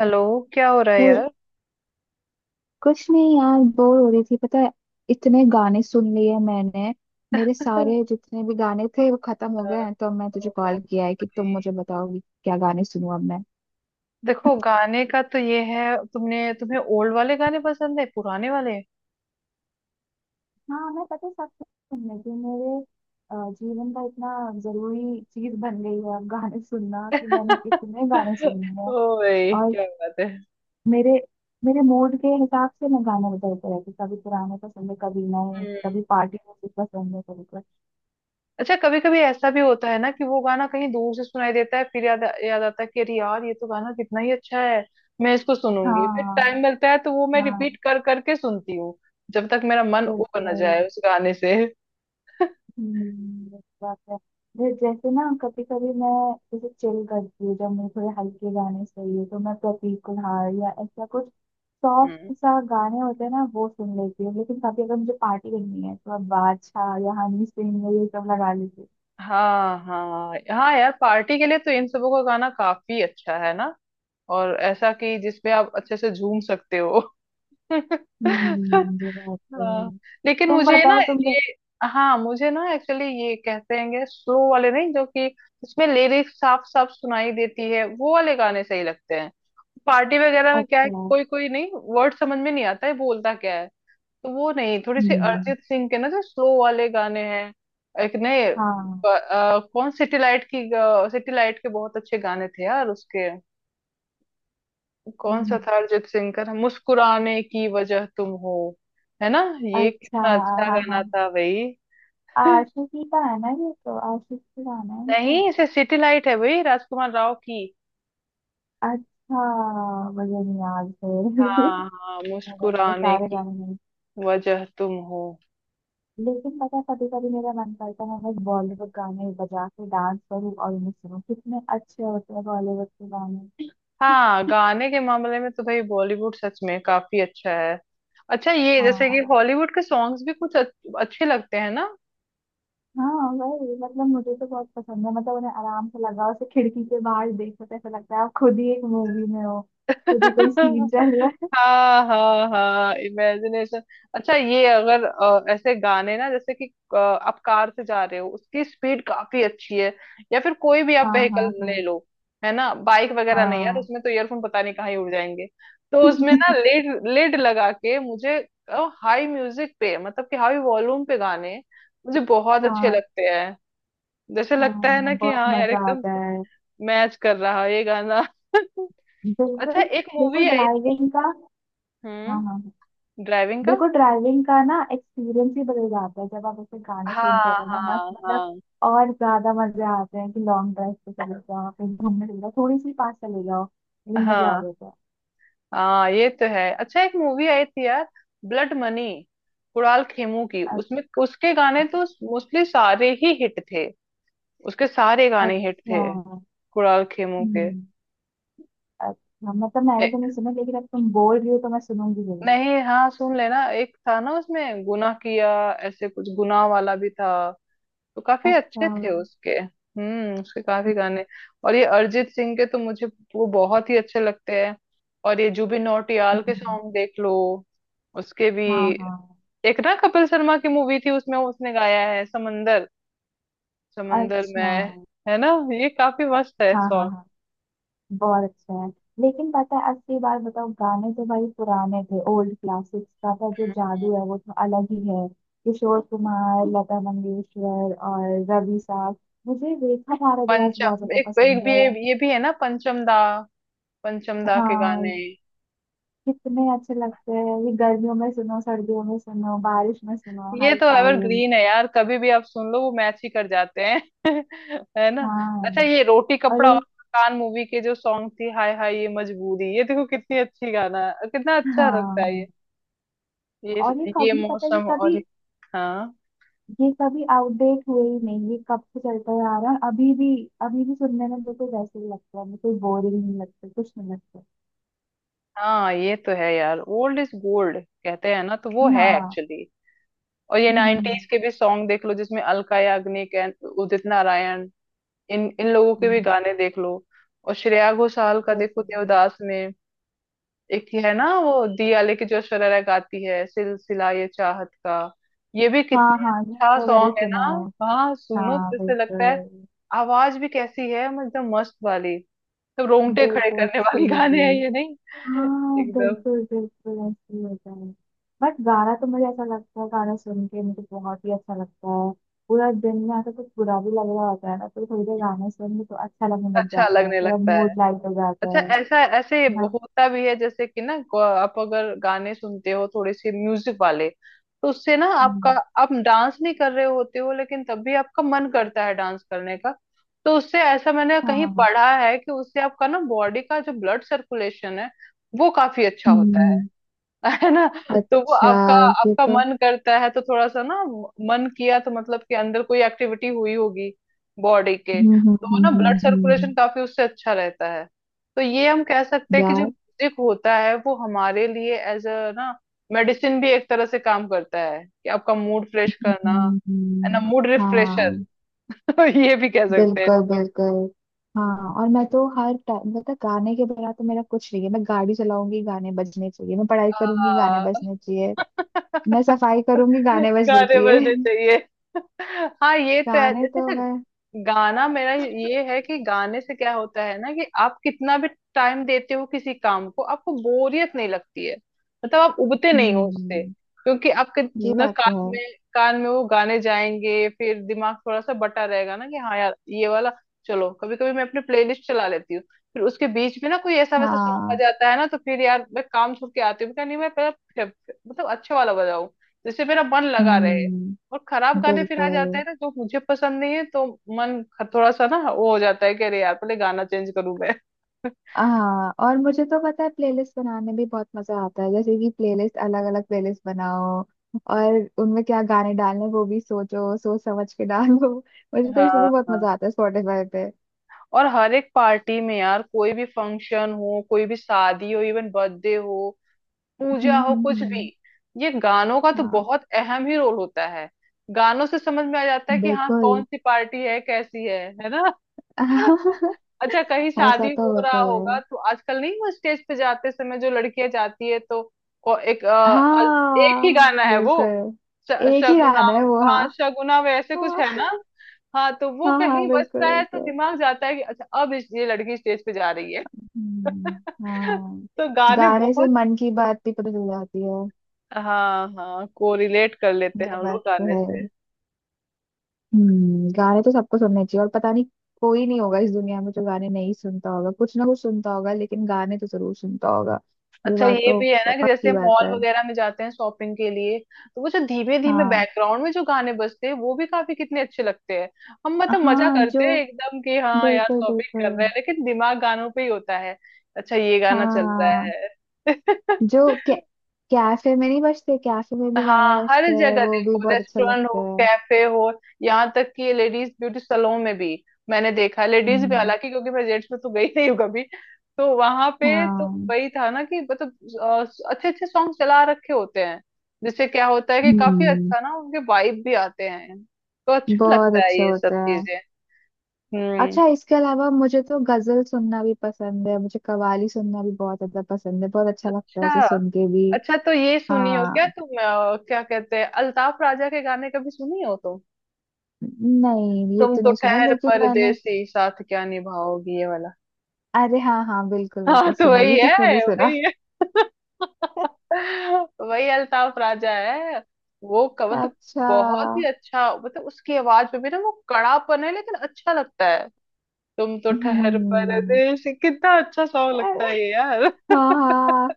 Hello. क्या हो रहा है चल, यार। कुछ नहीं यार, बोर हो रही थी पता है। इतने गाने सुन लिए हैं मैंने। मेरे तो सारे जितने भी गाने थे वो खत्म हो गए हैं, तो मैं तुझे कॉल किया है कि तुम मुझे बताओगी क्या गाने सुनूं अब मैं। देखो गाने का तो ये है तुमने तुम्हें ओल्ड वाले गाने पसंद है पुराने वाले। हाँ, मैं पता है सब सुनने की मेरे जीवन का इतना जरूरी चीज बन गई है अब गाने सुनना कि मैंने इतने गाने सुने हैं। ओ भाई और क्या बात है। मेरे मेरे मूड के हिसाब से मैं गाने बदलते रहती हूँ। कभी पुराने पसंद है, कभी नए, हम्म। कभी पार्टी म्यूजिक पसंद है, कभी कुछ। अच्छा कभी कभी ऐसा भी होता है ना कि वो गाना कहीं दूर से सुनाई देता है फिर याद याद आता है कि अरे यार ये तो गाना कितना ही अच्छा है। मैं इसको सुनूंगी, फिर टाइम हाँ, मिलता है तो वो मैं रिपीट हाँ, कर करके सुनती हूँ, जब तक मेरा मन उब न बिल्कुल। जाए उस गाने से। हम्म, ये बात है। जैसे ना कभी कभी मैं, जैसे चिल करती हूँ, जब मुझे थोड़े हल्के गाने चाहिए तो मैं प्रतीक कुहाड़ या ऐसा कुछ हम्म। सॉफ्ट सा गाने होते हैं ना, वो सुन लेती हूँ। लेकिन कभी अगर मुझे पार्टी करनी है तो मैं बादशाह या हनी सिंह या ये सब लगा लेती हूँ। हाँ हाँ हाँ यार, पार्टी के लिए तो इन सबों का गाना काफी अच्छा है ना, और ऐसा कि जिसपे आप अच्छे से झूम सकते हो। ये बात तो है। हाँ, लेकिन तुम मुझे ना बताओ, तुमने। ये हाँ मुझे ना एक्चुअली ये कहते हैं स्लो वाले, नहीं जो कि जिसमें लिरिक्स साफ साफ सुनाई देती है वो वाले गाने सही लगते हैं। पार्टी वगैरह में क्या है, अच्छा। कोई कोई नहीं वर्ड समझ में नहीं आता है बोलता क्या है। तो वो नहीं, थोड़ी सी हम्म। अरिजीत सिंह के ना जो स्लो वाले गाने हैं, एक नए हाँ। कौन सिटीलाइट की, सिटीलाइट के बहुत अच्छे गाने थे यार उसके। कौन सा हम्म। था अरिजीत सिंह का, मुस्कुराने की वजह तुम हो, है ना। ये अच्छा। कितना अच्छा हाँ, गाना हाँ, था भाई। आशिकी का है ना? ये तो आशिकी का गाना है ये तो। नहीं इसे सिटीलाइट है भाई, राजकुमार राव की। अच्छा, मुझे नहीं याद फिर। हाँ हाँ, मेरा तो मुस्कुराने सारे की गाने नहीं। वजह तुम हो। लेकिन पता है कभी कभी मेरा मन करता है मैं बॉलीवुड गाने बजा के डांस करूँ और उन्हें सुनूं। कितने अच्छे होते हैं बॉलीवुड के गाने। हाँ गाने के मामले में तो भाई बॉलीवुड सच में काफी अच्छा है। अच्छा ये जैसे कि हाँ, हॉलीवुड के सॉन्ग्स भी कुछ अच्छे लगते हैं ना। हाँ, वही मतलब मुझे तो बहुत पसंद है। मतलब उन्हें आराम से लगाओ, उसे खिड़की के बाहर देखो तो ऐसा लगता है आप खुद ही एक मूवी में हो, खुद ही कोई सीन चल रहा है। हाँ हाँ हाँ, इमेजिनेशन। अच्छा ये अगर ऐसे गाने ना, जैसे कि आप कार से जा रहे हो उसकी स्पीड काफी अच्छी है, या फिर कोई भी आप हाँ, व्हीकल हाँ, ले हाँ, लो, है ना। बाइक वगैरह नहीं यार, हाँ। उसमें तो ईयरफोन पता नहीं कहाँ ही उड़ जाएंगे। तो उसमें ना लेड लेड लगा के मुझे हाई म्यूजिक पे, मतलब कि हाई वॉल्यूम पे गाने मुझे बहुत अच्छे हाँ, लगते हैं। जैसे लगता है हाँ, ना कि बहुत हाँ यार मजा एकदम आता है। मैच कर रहा है ये गाना। अच्छा बिल्कुल। एक बिल्कुल मूवी आई थी। ड्राइविंग का। हाँ, हाँ, हाँ। हम्म। ड्राइविंग का। बिल्कुल ड्राइविंग का ना एक्सपीरियंस ही बदल जाता है जब आप ऐसे गाने हाँ सुनते हो ना, मस्त हाँ मतलब। हाँ और ज्यादा मजे आते हैं कि लॉन्ग ड्राइव पे चले जाओ, कहीं घूमने चले जाओ, थोड़ी सी पास चले जाओ, लेकिन मजे आ हाँ जाते हैं। हाँ, ये तो है। अच्छा एक मूवी आई थी यार, ब्लड मनी, कुणाल खेमू की, अ- उसमें उसके गाने तो मोस्टली सारे ही हिट थे। उसके सारे गाने हिट अच्छा। थे, कुणाल खेमू के। हम्म। अच्छा, मतलब मैंने ए, तो नहीं सुना, लेकिन अब तुम बोल रही हो तो मैं सुनूंगी जरूर। नहीं हाँ सुन लेना, एक था ना उसमें गुनाह किया, ऐसे कुछ गुनाह वाला भी था। तो काफी अच्छा। अच्छे थे उसके। हम्म, उसके काफी गाने। और ये अरिजीत सिंह के तो मुझे वो बहुत ही अच्छे लगते हैं। और ये जुबिन नौटियाल के हम्म, सॉन्ग देख लो, उसके भी। हाँ, हाँ। एक ना कपिल शर्मा की मूवी थी, उसमें उसने गाया है, समंदर, समंदर अच्छा। में, है ना। ये काफी मस्त है हाँ, हाँ, सॉन्ग। हाँ, बहुत अच्छे हैं। लेकिन पता है असली बात बताओ, गाने तो भाई पुराने थे, ओल्ड क्लासिक्स का था, जो जादू है वो तो अलग ही है। किशोर कुमार, लता मंगेशकर और रवि साहब। मुझे रेखा भारद्वाज बहुत पंचम ज्यादा एक एक पसंद भी है। ये भी है ना, पंचम दा, पंचम दा के हाँ, गाने। कितने अच्छे लगते हैं ये। गर्मियों में सुनो, सर्दियों में सुनो, बारिश में सुनो, ये हर तो टाइम। एवरग्रीन है यार, कभी भी आप सुन लो वो मैच ही कर जाते हैं। है ना। अच्छा हाँ, ये रोटी और कपड़ा और ये। मकान मूवी के जो सॉन्ग थी, हाय हाय ये मजबूरी, ये देखो कितनी अच्छी गाना है, कितना अच्छा लगता है ये। हाँ, ये और ये ये कभी, पता है, ये मौसम, कभी, हाँ ये कभी आउटडेट हुए ही नहीं। ये कब से चलता हुआ आ रहा है, अभी भी। अभी भी सुनने में बिल्कुल वैसे ही लगता है, बिल्कुल बोरिंग नहीं लगता, कुछ नहीं लगता। हाँ, ये तो है यार, ओल्ड इज गोल्ड कहते हैं ना, तो वो है हाँ। एक्चुअली। और ये हम्म। नाइनटीज के भी सॉन्ग देख लो, जिसमें अलका याग्निक एंड उदित नारायण, इन इन लोगों के भी हम्म, गाने देख लो। और श्रेया घोषाल का देखो, बिल्कुल। देवदास में एक ये है ना वो दियाले की जो शरारा गाती है, सिलसिला ये चाहत का, ये भी हाँ, कितने हाँ, ये अच्छा तो मैंने सॉन्ग है सुना ना। है। हाँ सुनो हाँ, तो जैसे लगता है, बिल्कुल। आवाज भी कैसी है, मतलब एकदम मस्त वाली, तो रोंगटे खड़े बिल्कुल, करने वाली गाने हैं इसीलिए। ये नहीं, हाँ, एकदम। बिल्कुल बिल्कुल ऐसे ही होता है। बट गाना तो मुझे ऐसा लगता है, गाना सुन के मुझे बहुत ही अच्छा लगता है। पूरा दिन में ऐसा कुछ बुरा भी लग रहा होता है ना, तो थोड़ी देर गाने सुन के तो अच्छा लगने लग अच्छा जाता है, लगने थोड़ा लगता है। मूड लाइट हो जाता अच्छा है। ऐसा ऐसे ना। होता भी है जैसे कि ना, आप अगर गाने सुनते हो थोड़े से म्यूजिक वाले, तो उससे ना आपका, हम्म, आप डांस नहीं कर रहे होते हो लेकिन तब भी आपका मन करता है डांस करने का। तो उससे ऐसा मैंने हाँ, कहीं हाँ, हाँ। पढ़ा है कि उससे आपका ना बॉडी का जो ब्लड सर्कुलेशन है वो काफी अच्छा होता है। हम्म। है ना। तो वो अच्छा। आपका, ये आपका तो। मन करता है तो थोड़ा सा ना मन किया तो मतलब कि अंदर कोई एक्टिविटी हुई होगी बॉडी के, हम्म, हम्म, तो वो ना ब्लड हम्म, हम्म, सर्कुलेशन काफी उससे अच्छा रहता है। तो ये हम कह सकते हैं कि जो यार। म्यूजिक होता है वो हमारे लिए एज अ ना मेडिसिन भी एक तरह से काम करता है, कि आपका मूड फ्रेश करना, हम्म, है ना, मूड रिफ्रेशर। हाँ, तो ये भी कह सकते बिल्कुल हैं बिल्कुल। हाँ, और मैं तो हर टाइम मतलब गाने के बिना तो मेरा कुछ नहीं है। मैं गाड़ी चलाऊंगी, गाने बजने चाहिए। मैं पढ़ाई करूंगी, गाने इसको। बजने चाहिए। मैं सफाई करूंगी, गाने बजने गाने चाहिए। बजने चाहिए। हाँ ये तो है गाने जैसे तो ना, मैं। गाना मेरा ये है कि गाने से क्या होता है ना कि आप कितना भी टाइम देते हो किसी काम को, आपको बोरियत नहीं लगती है, मतलब आप उबते नहीं हो उससे, हम्म, क्योंकि आपके ये ना बात तो कान है। में कान में वो गाने जाएंगे फिर दिमाग थोड़ा सा बटा रहेगा ना, कि हाँ यार ये वाला। चलो कभी कभी मैं अपने प्लेलिस्ट चला लेती हूँ, फिर उसके बीच में ना कोई ऐसा वैसा सॉन्ग आ हाँ। जाता है ना, तो फिर यार मैं काम छोड़ के आती हूँ, मैं कहा, नहीं मैं पहले, मतलब अच्छा वाला बजाओ, जिससे मेरा मन लगा रहे। हम्म, और खराब गाने फिर आ जाते बिल्कुल। हैं ना जो मुझे पसंद नहीं है, तो मन थोड़ा सा ना वो हो जाता है कि अरे यार पहले गाना चेंज करूं मैं। हाँ, और मुझे तो पता है प्लेलिस्ट बनाने में भी बहुत मजा आता है। जैसे कि प्लेलिस्ट, अलग अलग प्लेलिस्ट बनाओ, और उनमें क्या गाने डालने वो भी सोचो, सोच समझ के डालो। मुझे तो इसमें हाँ भी बहुत हाँ। मजा आता है, स्पॉटिफाई। और हर एक पार्टी में यार, कोई भी फंक्शन हो, कोई भी शादी हो, इवन बर्थडे हो, हम्म, पूजा हो, हम्म, कुछ भी, ये गानों का तो हाँ। बहुत अहम ही रोल होता है। गानों से समझ में आ जाता है कि हाँ कौन बिल्कुल। सी पार्टी है, कैसी है ना। अच्छा कहीं ऐसा शादी तो हो होता रहा ही होगा है। तो आजकल नहीं वो स्टेज पे जाते समय जो लड़कियां जाती है, तो को- एक अ, अ- एक ही हाँ, गाना है वो, बिल्कुल। श- एक ही शगुना गाना है वो, हाँ हाँ। शगुना वे ऐसे कुछ है हाँ, ना। हाँ तो वो हाँ, कहीं हाँ, बिल्कुल बजता है तो बिल्कुल। दिमाग जाता है कि अच्छा अब ये लड़की स्टेज पे जा रही है। हम्म, हाँ। तो गाने गाने से बहुत, मन की बात भी पता चल जाती है। हाँ हाँ, कोरिलेट कर लेते हैं ये हम लोग बात तो गाने है। से। हम्म, गाने तो सबको सुनने चाहिए, और पता नहीं, कोई नहीं होगा इस दुनिया में जो गाने नहीं सुनता होगा। कुछ ना कुछ सुनता होगा, लेकिन गाने तो जरूर सुनता होगा। ये अच्छा बात ये तो, भी है ना कि जैसे पक्की बात मॉल है। वगैरह में जाते हैं शॉपिंग के लिए, तो वो जो धीमे धीमे हाँ। बैकग्राउंड में जो गाने बजते हैं वो भी काफी कितने अच्छे लगते हैं। हम मतलब मजा हाँ, जो करते हैं एकदम कि हाँ यार बिल्कुल शॉपिंग कर रहे बिल्कुल। हैं लेकिन दिमाग गानों पे ही होता है। अच्छा ये गाना चल हाँ, रहा है। जो कै, कैफे में नहीं बजते, कैफे में भी गाने हाँ हर बजते हैं, जगह वो भी देखो, बहुत अच्छे रेस्टोरेंट लगते हो, हैं। कैफे हो, यहाँ तक कि लेडीज ब्यूटी सैलून में भी, मैंने देखा, लेडीज भी, हम्म। हालांकि क्योंकि मैं जेंट्स में तो गई नहीं हूँ कभी, तो वहां पे तो हाँ। वही था ना कि मतलब अच्छे अच्छे सॉन्ग चला रखे होते हैं, जिससे क्या होता है कि काफी हम्म, अच्छा ना उनके वाइब भी आते हैं तो अच्छा बहुत लगता है अच्छे ये सब होते हैं। चीजें। हम्म। अच्छा, इसके अलावा मुझे तो गजल सुनना भी पसंद है, मुझे कव्वाली सुनना भी बहुत ज्यादा पसंद है, बहुत अच्छा लगता है उसे अच्छा, सुन के भी। अच्छा तो ये सुनी हो क्या हाँ, तुम, क्या कहते हैं, अल्ताफ राजा के गाने कभी सुनी हो। नहीं ये तुम तो तो नहीं सुना, खैर लेकिन मैंने। परदेसी साथ क्या निभाओगी, ये वाला। अरे, हाँ हाँ, बिल्कुल हाँ बिल्कुल तो सुना, वही ये किसने नहीं है, सुना। वही है, वही अल्ताफ राजा है। वो मतलब अच्छा। बहुत ही अच्छा, मतलब उसकी आवाज में भी ना वो कड़ापन है लेकिन अच्छा लगता है। तुम तो ठहर हम्म। परदेसी, कितना अच्छा सॉन्ग लगता है ये यार। हाँ, हाँ,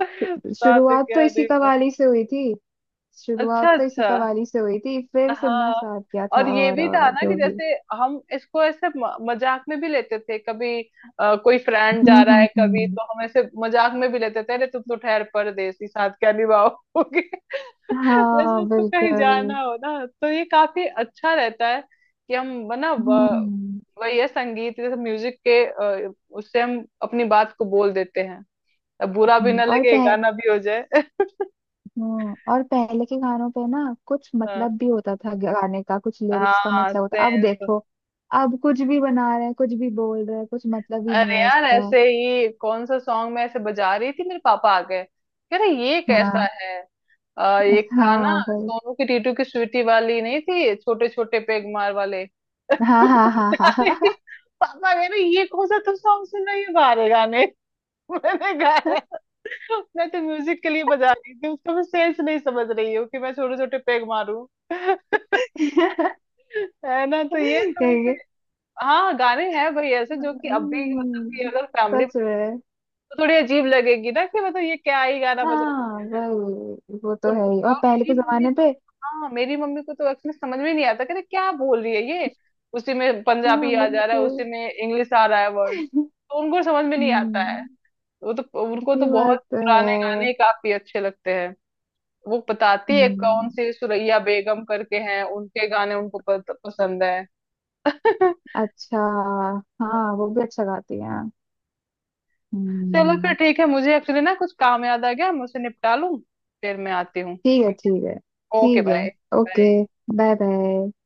हाँ। साथ शुरुआत तो क्या इसी निभा, कवाली से हुई थी। अच्छा शुरुआत तो इसी अच्छा। कवाली से हुई थी, फिर सुनना हाँ स्टार्ट किया था, और ये भी था और ना कि जो भी। जैसे, हम इसको ऐसे मजाक में भी लेते थे कभी, कोई फ्रेंड हम्म, जा रहा है हम्म, कभी हम्म। तो हम ऐसे मजाक में भी लेते थे, अरे तुम तो ठहर परदेसी साथ क्या निभाओगे, जैसे हाँ, उसको कहीं बिल्कुल। जाना हो ना तो ये काफी अच्छा रहता है कि हम ना ब- हम्म, वही है संगीत, जैसे म्यूजिक के अ, उससे हम अपनी बात को बोल देते हैं, अब बुरा भी ना और लगे पह। गाना भी हो जाए। और पहले के गानों पे ना कुछ हाँ मतलब भी होता था गाने का, कुछ लिरिक्स का हाँ, मतलब होता। अब सेंस। देखो, अब कुछ भी बना रहे हैं, कुछ भी बोल रहे हैं, कुछ मतलब ही नहीं अरे है यार उसका। ऐसे ही कौन सा सॉन्ग मैं ऐसे बजा रही थी, मेरे पापा आ गए, कह रहे ये कैसा हाँ। है, एक था ना हाँ भाई। सोनू की टीटू की स्वीटी वाली, नहीं थी, छोटे छोटे पेग मार वाले हाँ, हाँ, हाँ, बजा हाँ, रही हाँ। थी। पापा कह रहे ये कौन सा तुम सॉन्ग सुन रही हो बाहर, गाने। मैंने गाया मैं तो म्यूजिक के लिए बजा रही थी, उसका मैं सेंस नहीं समझ रही हूँ कि मैं छोटे छोटे पेग मारूं। है ना, तो ये थोड़े से कहेंगे। हाँ गाने हैं भाई ऐसे, जो कि अब भी मतलब कि हम्म, अगर फैमिली, सच में। तो थोड़ी अजीब लगेगी ना कि मतलब ये क्या ही गाना बज रहा है हाँ, वही, वो तो उनको, है ही, और और पहले मेरी के मम्मी जमाने को, पे। हाँ मेरी मम्मी को तो एक्चुअली समझ में नहीं आता कि क्या बोल रही है ये, उसी में हाँ, पंजाबी आ जा रहा है, उसी बिल्कुल। में इंग्लिश आ रहा है, वर्ड तो उनको समझ में नहीं आता है। हम्म, वो तो उनको तो ये बहुत बात तो पुराने है। गाने काफी अच्छे लगते हैं। वो बताती है हम्म। कौन सी सुरैया बेगम करके हैं, उनके गाने उनको पसंद है। अच्छा, हाँ, वो भी अच्छा गाती है। चलो फिर हम्म। ठीक है, मुझे एक्चुअली ना कुछ काम याद आ गया, मैं उसे निपटा लूं, फिर मैं आती हूँ, ठीक है, ठीक ठीक है, है। ओके ठीक है। Bye. Okay, bye. Bye. Bye,